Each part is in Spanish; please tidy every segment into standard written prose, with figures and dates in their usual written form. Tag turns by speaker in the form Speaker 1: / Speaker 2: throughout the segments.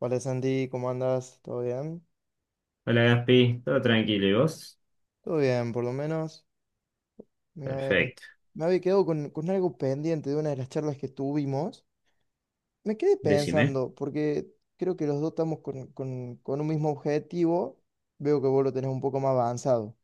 Speaker 1: Hola Santi, ¿cómo andas? ¿Todo bien?
Speaker 2: Hola Gaspi, todo tranquilo, ¿y vos?
Speaker 1: Todo bien, por lo menos. Me,
Speaker 2: Perfecto,
Speaker 1: me había quedado con algo pendiente de una de las charlas que tuvimos. Me quedé
Speaker 2: decime.
Speaker 1: pensando, porque creo que los dos estamos con, con un mismo objetivo. Veo que vos lo tenés un poco más avanzado.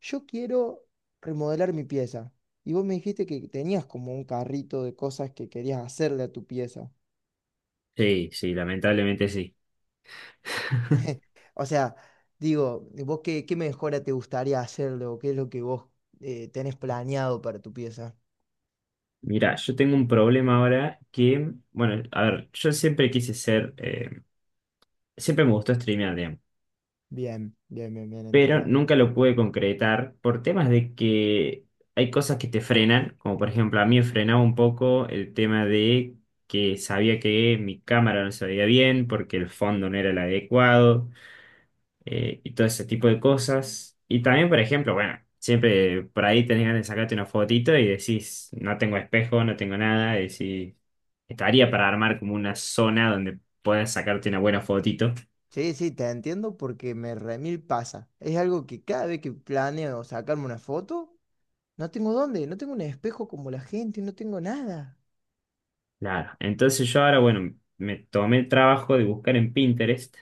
Speaker 1: Yo quiero remodelar mi pieza. Y vos me dijiste que tenías como un carrito de cosas que querías hacerle a tu pieza.
Speaker 2: Sí, sí, lamentablemente sí.
Speaker 1: O sea, digo, ¿vos qué mejora te gustaría hacerle o qué es lo que vos tenés planeado para tu pieza?
Speaker 2: Mira, yo tengo un problema ahora que, bueno, a ver, yo siempre quise ser, siempre me gustó streamear, digamos,
Speaker 1: Bien, bien, bien, bien,
Speaker 2: pero
Speaker 1: entiendo.
Speaker 2: nunca lo pude concretar por temas de que hay cosas que te frenan, como por ejemplo a mí me frenaba un poco el tema de que sabía que mi cámara no se veía bien porque el fondo no era el adecuado. Y todo ese tipo de cosas. Y también, por ejemplo, bueno, siempre por ahí tenés ganas de sacarte una fotito y decís, no tengo espejo, no tengo nada, y decís, estaría para armar como una zona donde puedas sacarte una buena fotito.
Speaker 1: Sí, sí, te entiendo porque me remil pasa. Es algo que cada vez que planeo sacarme una foto, no tengo dónde, no tengo un espejo como la gente, no tengo nada.
Speaker 2: Claro, entonces yo ahora, bueno, me tomé el trabajo de buscar en Pinterest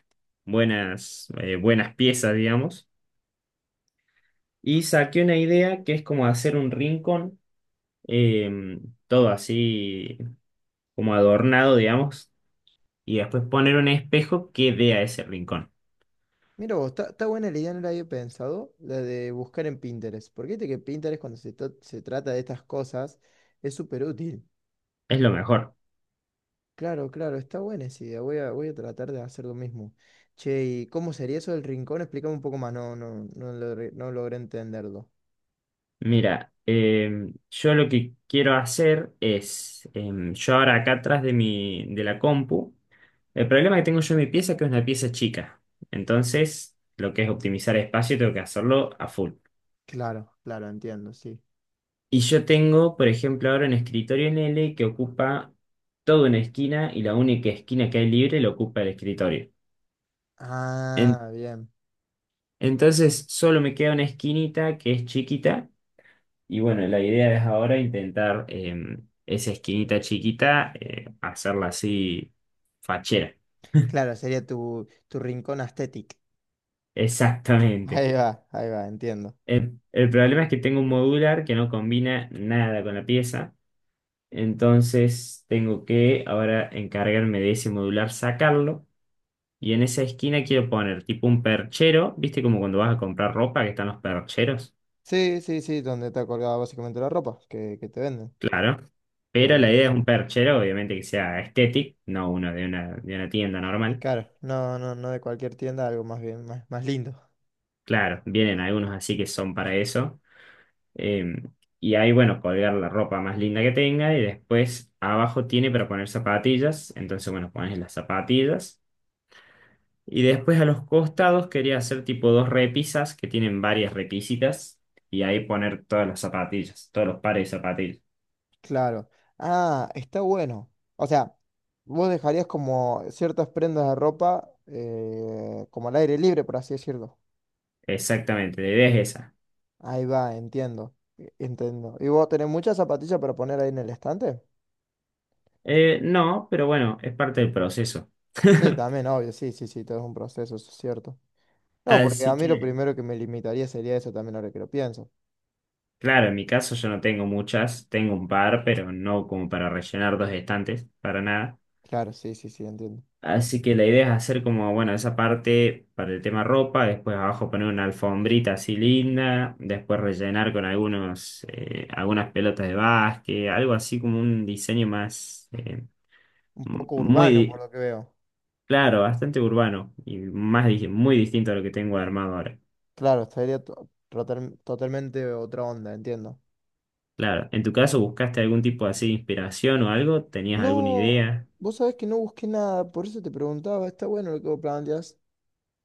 Speaker 2: buenas, buenas piezas, digamos, y saqué una idea que es como hacer un rincón, eh, todo así como adornado, digamos, y después poner un espejo que dé a ese rincón.
Speaker 1: Mira vos, está buena la idea, no la había pensado, la de buscar en Pinterest. Porque viste que Pinterest cuando se trata de estas cosas es súper útil.
Speaker 2: Es lo mejor.
Speaker 1: Claro, claro, está buena esa idea. Voy a tratar de hacer lo mismo. Che, ¿y cómo sería eso del rincón? Explícame un poco más. No, no, no logré entenderlo.
Speaker 2: Mira, yo lo que quiero hacer es, yo ahora acá atrás de de la compu, el problema que tengo yo en mi pieza es que es una pieza chica. Entonces, lo que es optimizar espacio, tengo que hacerlo a full.
Speaker 1: Claro, claro, entiendo, sí.
Speaker 2: Y yo tengo, por ejemplo, ahora un escritorio en L que ocupa toda una esquina y la única esquina que hay libre la ocupa el escritorio. En-
Speaker 1: Ah, bien.
Speaker 2: entonces, solo me queda una esquinita que es chiquita. Y bueno, la idea es ahora intentar esa esquinita chiquita, hacerla así fachera.
Speaker 1: Claro, sería tu rincón aesthetic.
Speaker 2: Exactamente.
Speaker 1: Ahí va, entiendo.
Speaker 2: El problema es que tengo un modular que no combina nada con la pieza. Entonces tengo que ahora encargarme de ese modular, sacarlo. Y en esa esquina quiero poner tipo un perchero. ¿Viste como cuando vas a comprar ropa que están los percheros?
Speaker 1: Sí, sí, sí, donde está colgada básicamente la ropa que te venden.
Speaker 2: Claro. Pero la
Speaker 1: Bien.
Speaker 2: idea es un perchero, obviamente que sea estético, no uno de de una tienda normal.
Speaker 1: Claro, no, no, no de cualquier tienda, algo más bien, más lindo.
Speaker 2: Claro, vienen algunos así que son para eso. Eh, y ahí, bueno, colgar la ropa más linda que tenga y después abajo tiene para poner zapatillas. Entonces, bueno, pones las zapatillas. Y después a los costados quería hacer tipo dos repisas que tienen varias repisitas y ahí poner todas las zapatillas, todos los pares de zapatillas.
Speaker 1: Claro. Ah, está bueno. O sea, vos dejarías como ciertas prendas de ropa como al aire libre, por así decirlo.
Speaker 2: Exactamente, la idea es esa.
Speaker 1: Ahí va, entiendo. Entiendo. ¿Y vos tenés muchas zapatillas para poner ahí en el estante?
Speaker 2: No, pero bueno, es parte del proceso.
Speaker 1: Sí, también, obvio, sí, sí, sí, todo es un proceso, eso es cierto. No, porque
Speaker 2: Así
Speaker 1: a mí lo
Speaker 2: que
Speaker 1: primero que me limitaría sería eso también ahora que lo pienso.
Speaker 2: claro, en mi caso yo no tengo muchas, tengo un par, pero no como para rellenar dos estantes, para nada.
Speaker 1: Claro, sí, sí, sí, entiendo.
Speaker 2: Así que la idea es hacer como, bueno, esa parte para el tema ropa, después abajo poner una alfombrita así linda, después rellenar con algunas pelotas de básquet, algo así como un diseño más,
Speaker 1: Un
Speaker 2: m-
Speaker 1: poco urbano
Speaker 2: muy,
Speaker 1: por lo que veo.
Speaker 2: claro, bastante urbano y muy distinto a lo que tengo armado ahora.
Speaker 1: Claro, estaría totalmente otra onda, entiendo.
Speaker 2: Claro, ¿en tu caso buscaste algún tipo así de inspiración o algo? ¿Tenías alguna
Speaker 1: No,
Speaker 2: idea?
Speaker 1: vos sabés que no busqué nada, por eso te preguntaba, está bueno lo que vos planteas,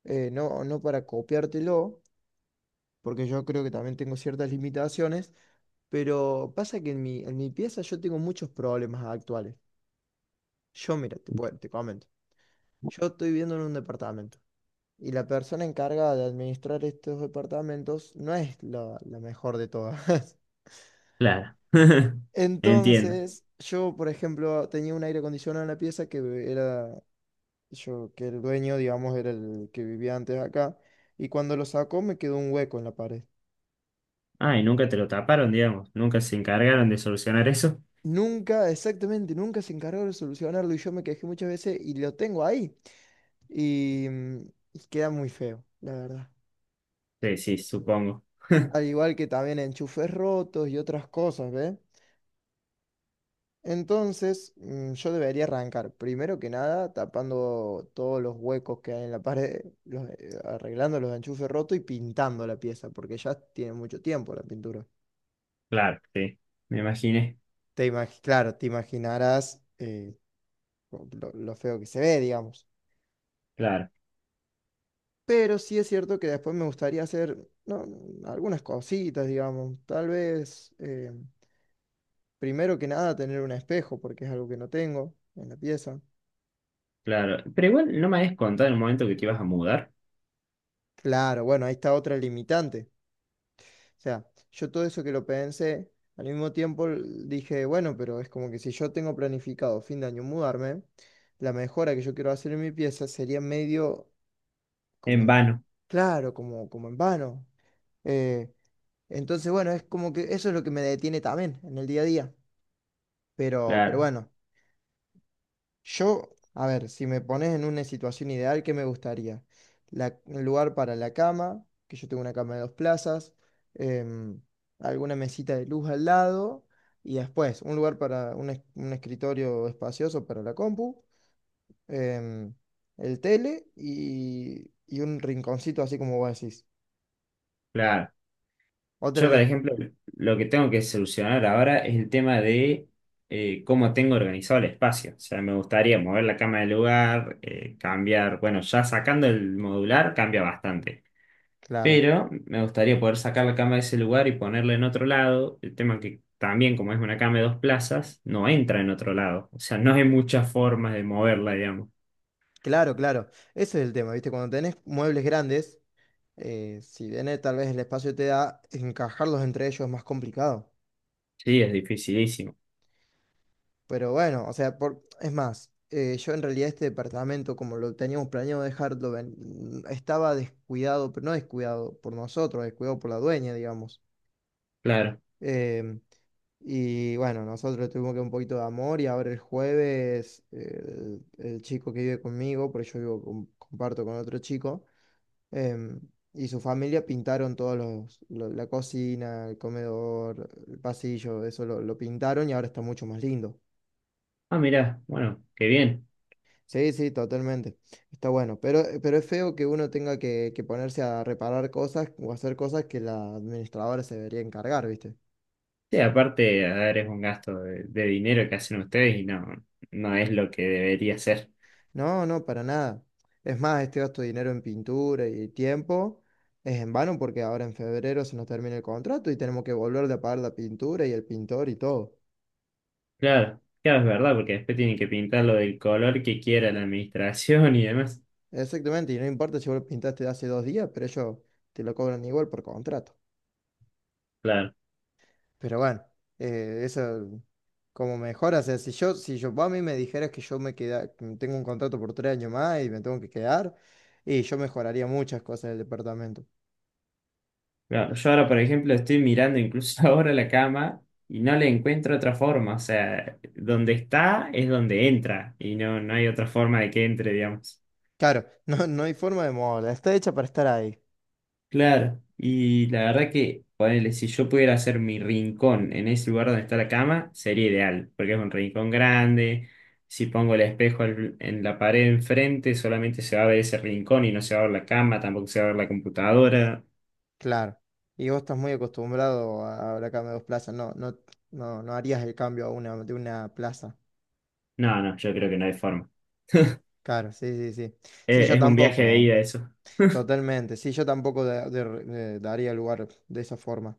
Speaker 1: no, no para copiártelo, porque yo creo que también tengo ciertas limitaciones, pero pasa que en mi, pieza yo tengo muchos problemas actuales. Yo, mira, te comento, yo estoy viviendo en un departamento y la persona encargada de administrar estos departamentos no es la mejor de todas.
Speaker 2: Claro, entiendo.
Speaker 1: Entonces, yo, por ejemplo, tenía un aire acondicionado en la pieza que era yo, que el dueño, digamos, era el que vivía antes acá, y cuando lo sacó me quedó un hueco en la pared.
Speaker 2: Ah, y nunca te lo taparon, digamos. Nunca se encargaron de solucionar eso.
Speaker 1: Nunca, exactamente, nunca se encargó de solucionarlo y yo me quejé muchas veces y lo tengo ahí. Y, mm, y queda muy feo, la verdad.
Speaker 2: Sí, sí, supongo.
Speaker 1: Al igual que también enchufes rotos y otras cosas, ¿ves? Entonces, yo debería arrancar, primero que nada, tapando todos los huecos que hay en la pared, arreglando los enchufes rotos y pintando la pieza, porque ya tiene mucho tiempo la pintura.
Speaker 2: Claro, sí. Me imaginé.
Speaker 1: Claro, te imaginarás lo feo que se ve, digamos.
Speaker 2: Claro,
Speaker 1: Pero sí es cierto que después me gustaría hacer no, algunas cositas, digamos. Tal vez, primero que nada, tener un espejo, porque es algo que no tengo en la pieza.
Speaker 2: claro. Pero igual no me habías contado en el momento que te ibas a mudar.
Speaker 1: Claro, bueno, ahí está otra limitante. O sea, yo todo eso que lo pensé, al mismo tiempo dije, bueno, pero es como que si yo tengo planificado fin de año mudarme, la mejora que yo quiero hacer en mi pieza sería medio como
Speaker 2: En
Speaker 1: el-
Speaker 2: vano.
Speaker 1: claro, como en vano. Eh, entonces, bueno, es como que eso es lo que me detiene también en el día a día. Pero
Speaker 2: Claro,
Speaker 1: bueno, yo, a ver, si me pones en una situación ideal, ¿qué me gustaría? La, un lugar para la cama, que yo tengo una cama de dos plazas, em, alguna mesita de luz al lado, y después un lugar para un escritorio espacioso para la compu, em, el tele y un rinconcito así como vos decís.
Speaker 2: claro.
Speaker 1: Otra,
Speaker 2: Yo, por
Speaker 1: elim-
Speaker 2: ejemplo, lo que tengo que solucionar ahora es el tema de cómo tengo organizado el espacio. O sea, me gustaría mover la cama del lugar, cambiar. Bueno, ya sacando el modular, cambia bastante.
Speaker 1: Claro,
Speaker 2: Pero me gustaría poder sacar la cama de ese lugar y ponerla en otro lado. El tema que también, como es una cama de dos plazas, no entra en otro lado. O sea, no hay muchas formas de moverla, digamos.
Speaker 1: claro, claro. Ese es el tema, ¿viste? Cuando tenés muebles grandes, si bien tal vez el espacio te da, encajarlos entre ellos es más complicado.
Speaker 2: Sí, es dificilísimo.
Speaker 1: Pero bueno, o sea, es más, yo en realidad este departamento, como lo teníamos planeado dejarlo, estaba descuidado, pero no descuidado por nosotros, descuidado por la dueña, digamos.
Speaker 2: Claro.
Speaker 1: Em, y bueno, nosotros tuvimos que un poquito de amor y ahora el jueves el chico que vive conmigo, porque yo vivo comparto con otro chico em, y su familia pintaron todos la cocina, el comedor, el pasillo, eso lo pintaron y ahora está mucho más lindo.
Speaker 2: Ah, mirá, bueno, qué bien.
Speaker 1: Sí, sí, totalmente. Está bueno. Pero es feo que uno tenga que ponerse a reparar cosas o hacer cosas que la administradora se debería encargar, ¿viste?
Speaker 2: Sí, aparte, a ver, es un gasto de dinero que hacen ustedes y no, no es lo que debería ser.
Speaker 1: No, no, para nada. Es más, este gasto de dinero en pintura y tiempo es en vano porque ahora en febrero se nos termina el contrato y tenemos que volver a pagar la pintura y el pintor y todo.
Speaker 2: Claro, claro, es verdad, porque después tienen que pintarlo del color que quiera la administración y demás.
Speaker 1: Exactamente, y no importa si vos lo pintaste hace 2 días, pero ellos te lo cobran igual por contrato.
Speaker 2: Claro,
Speaker 1: Pero bueno, eso como mejora, o sea, si yo, vos a mí me dijeras que yo me queda, que tengo un contrato por 3 años más y me tengo que quedar, y yo mejoraría muchas cosas del departamento.
Speaker 2: Claro, yo ahora, por ejemplo, estoy mirando incluso ahora la cama y no le encuentro otra forma. O sea, donde está es donde entra y no, no hay otra forma de que entre, digamos.
Speaker 1: Claro, no, no hay forma de moverla, está hecha para estar ahí,
Speaker 2: Claro, y la verdad que, ponele, si yo pudiera hacer mi rincón en ese lugar donde está la cama, sería ideal, porque es un rincón grande. Si pongo el espejo en la pared enfrente, solamente se va a ver ese rincón y no se va a ver la cama, tampoco se va a ver la computadora.
Speaker 1: claro. Y vos estás muy acostumbrado a la cama de dos plazas, no, no, no, no harías el cambio a una, de una plaza.
Speaker 2: No, no, yo creo que no hay forma.
Speaker 1: Claro, sí, sí, sí. Sí, yo
Speaker 2: Es un viaje de
Speaker 1: tampoco.
Speaker 2: ida eso.
Speaker 1: Totalmente, sí, yo tampoco daría lugar de esa forma.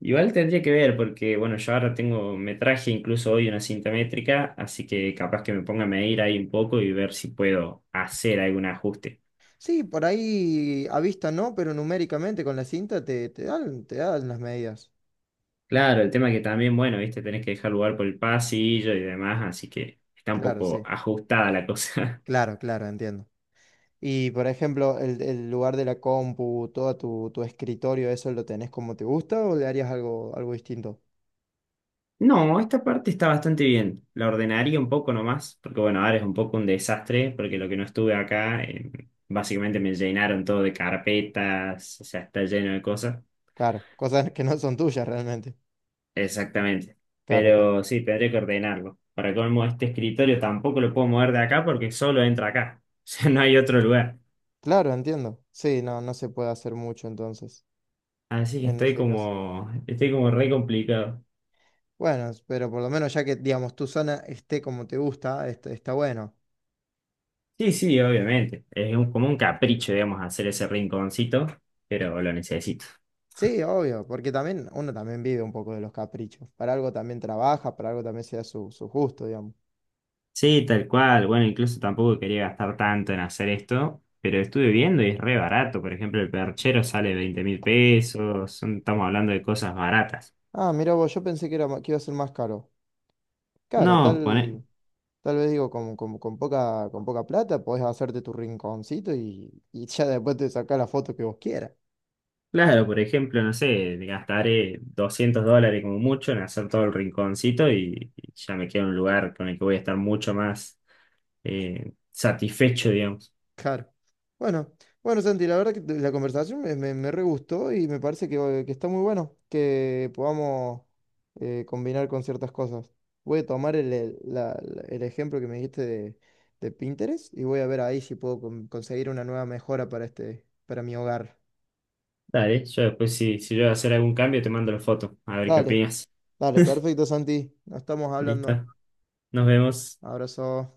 Speaker 2: Igual tendría que ver, porque bueno, yo ahora tengo, me traje incluso hoy una cinta métrica, así que capaz que me ponga a medir ahí un poco y ver si puedo hacer algún ajuste.
Speaker 1: Sí, por ahí a vista no, pero numéricamente con la cinta te dan las medidas.
Speaker 2: Claro, el tema que también, bueno, viste, tenés que dejar lugar por el pasillo y demás, así que está un
Speaker 1: Claro,
Speaker 2: poco
Speaker 1: sí,
Speaker 2: ajustada la cosa.
Speaker 1: claro, claro, entiendo. Y por ejemplo, el lugar de la compu, todo tu escritorio, ¿eso lo tenés como te gusta o le harías algo distinto?
Speaker 2: No, esta parte está bastante bien. La ordenaría un poco nomás, porque bueno, ahora es un poco un desastre, porque lo que no estuve acá, básicamente me llenaron todo de carpetas, o sea, está lleno de cosas.
Speaker 1: Claro, cosas que no son tuyas realmente.
Speaker 2: Exactamente.
Speaker 1: Claro, claro.
Speaker 2: Pero sí, tendría que ordenarlo. Para colmo, este escritorio tampoco lo puedo mover de acá porque solo entra acá. O sea, no hay otro lugar.
Speaker 1: Claro, entiendo. Sí, no, no se puede hacer mucho entonces,
Speaker 2: Así que
Speaker 1: en ese caso.
Speaker 2: estoy como re complicado.
Speaker 1: Bueno, pero por lo menos ya que, digamos, tu zona esté como te gusta, está bueno.
Speaker 2: Sí, sí, obviamente. Como un capricho, digamos, hacer ese rinconcito, pero lo necesito.
Speaker 1: Sí, obvio, porque también uno también vive un poco de los caprichos. Para algo también trabaja, para algo también sea su, su gusto, digamos.
Speaker 2: Sí, tal cual. Bueno, incluso tampoco quería gastar tanto en hacer esto, pero estuve viendo y es re barato. Por ejemplo, el perchero sale 20.000 pesos. Estamos hablando de cosas baratas.
Speaker 1: Ah, mira vos, yo pensé que era, que iba a ser más caro. Claro,
Speaker 2: No,
Speaker 1: tal, tal vez digo, con poca plata podés hacerte tu rinconcito y ya después te sacás la foto que vos quieras.
Speaker 2: claro, por ejemplo, no sé, gastaré 200 dólares como mucho en hacer todo el rinconcito y ya me queda un lugar con el que voy a estar mucho más satisfecho, digamos.
Speaker 1: Claro. Bueno, bueno, Santi, la verdad que la conversación me re gustó y me parece que está muy bueno que podamos combinar con ciertas cosas. Voy a tomar el ejemplo que me dijiste de, Pinterest y voy a ver ahí si puedo conseguir una nueva mejora para mi hogar.
Speaker 2: Dale, yo después si yo voy a hacer algún cambio te mando la foto, a ver qué
Speaker 1: Dale,
Speaker 2: opinas.
Speaker 1: dale, perfecto, Santi. Nos estamos hablando.
Speaker 2: Listo, nos vemos.
Speaker 1: Abrazo.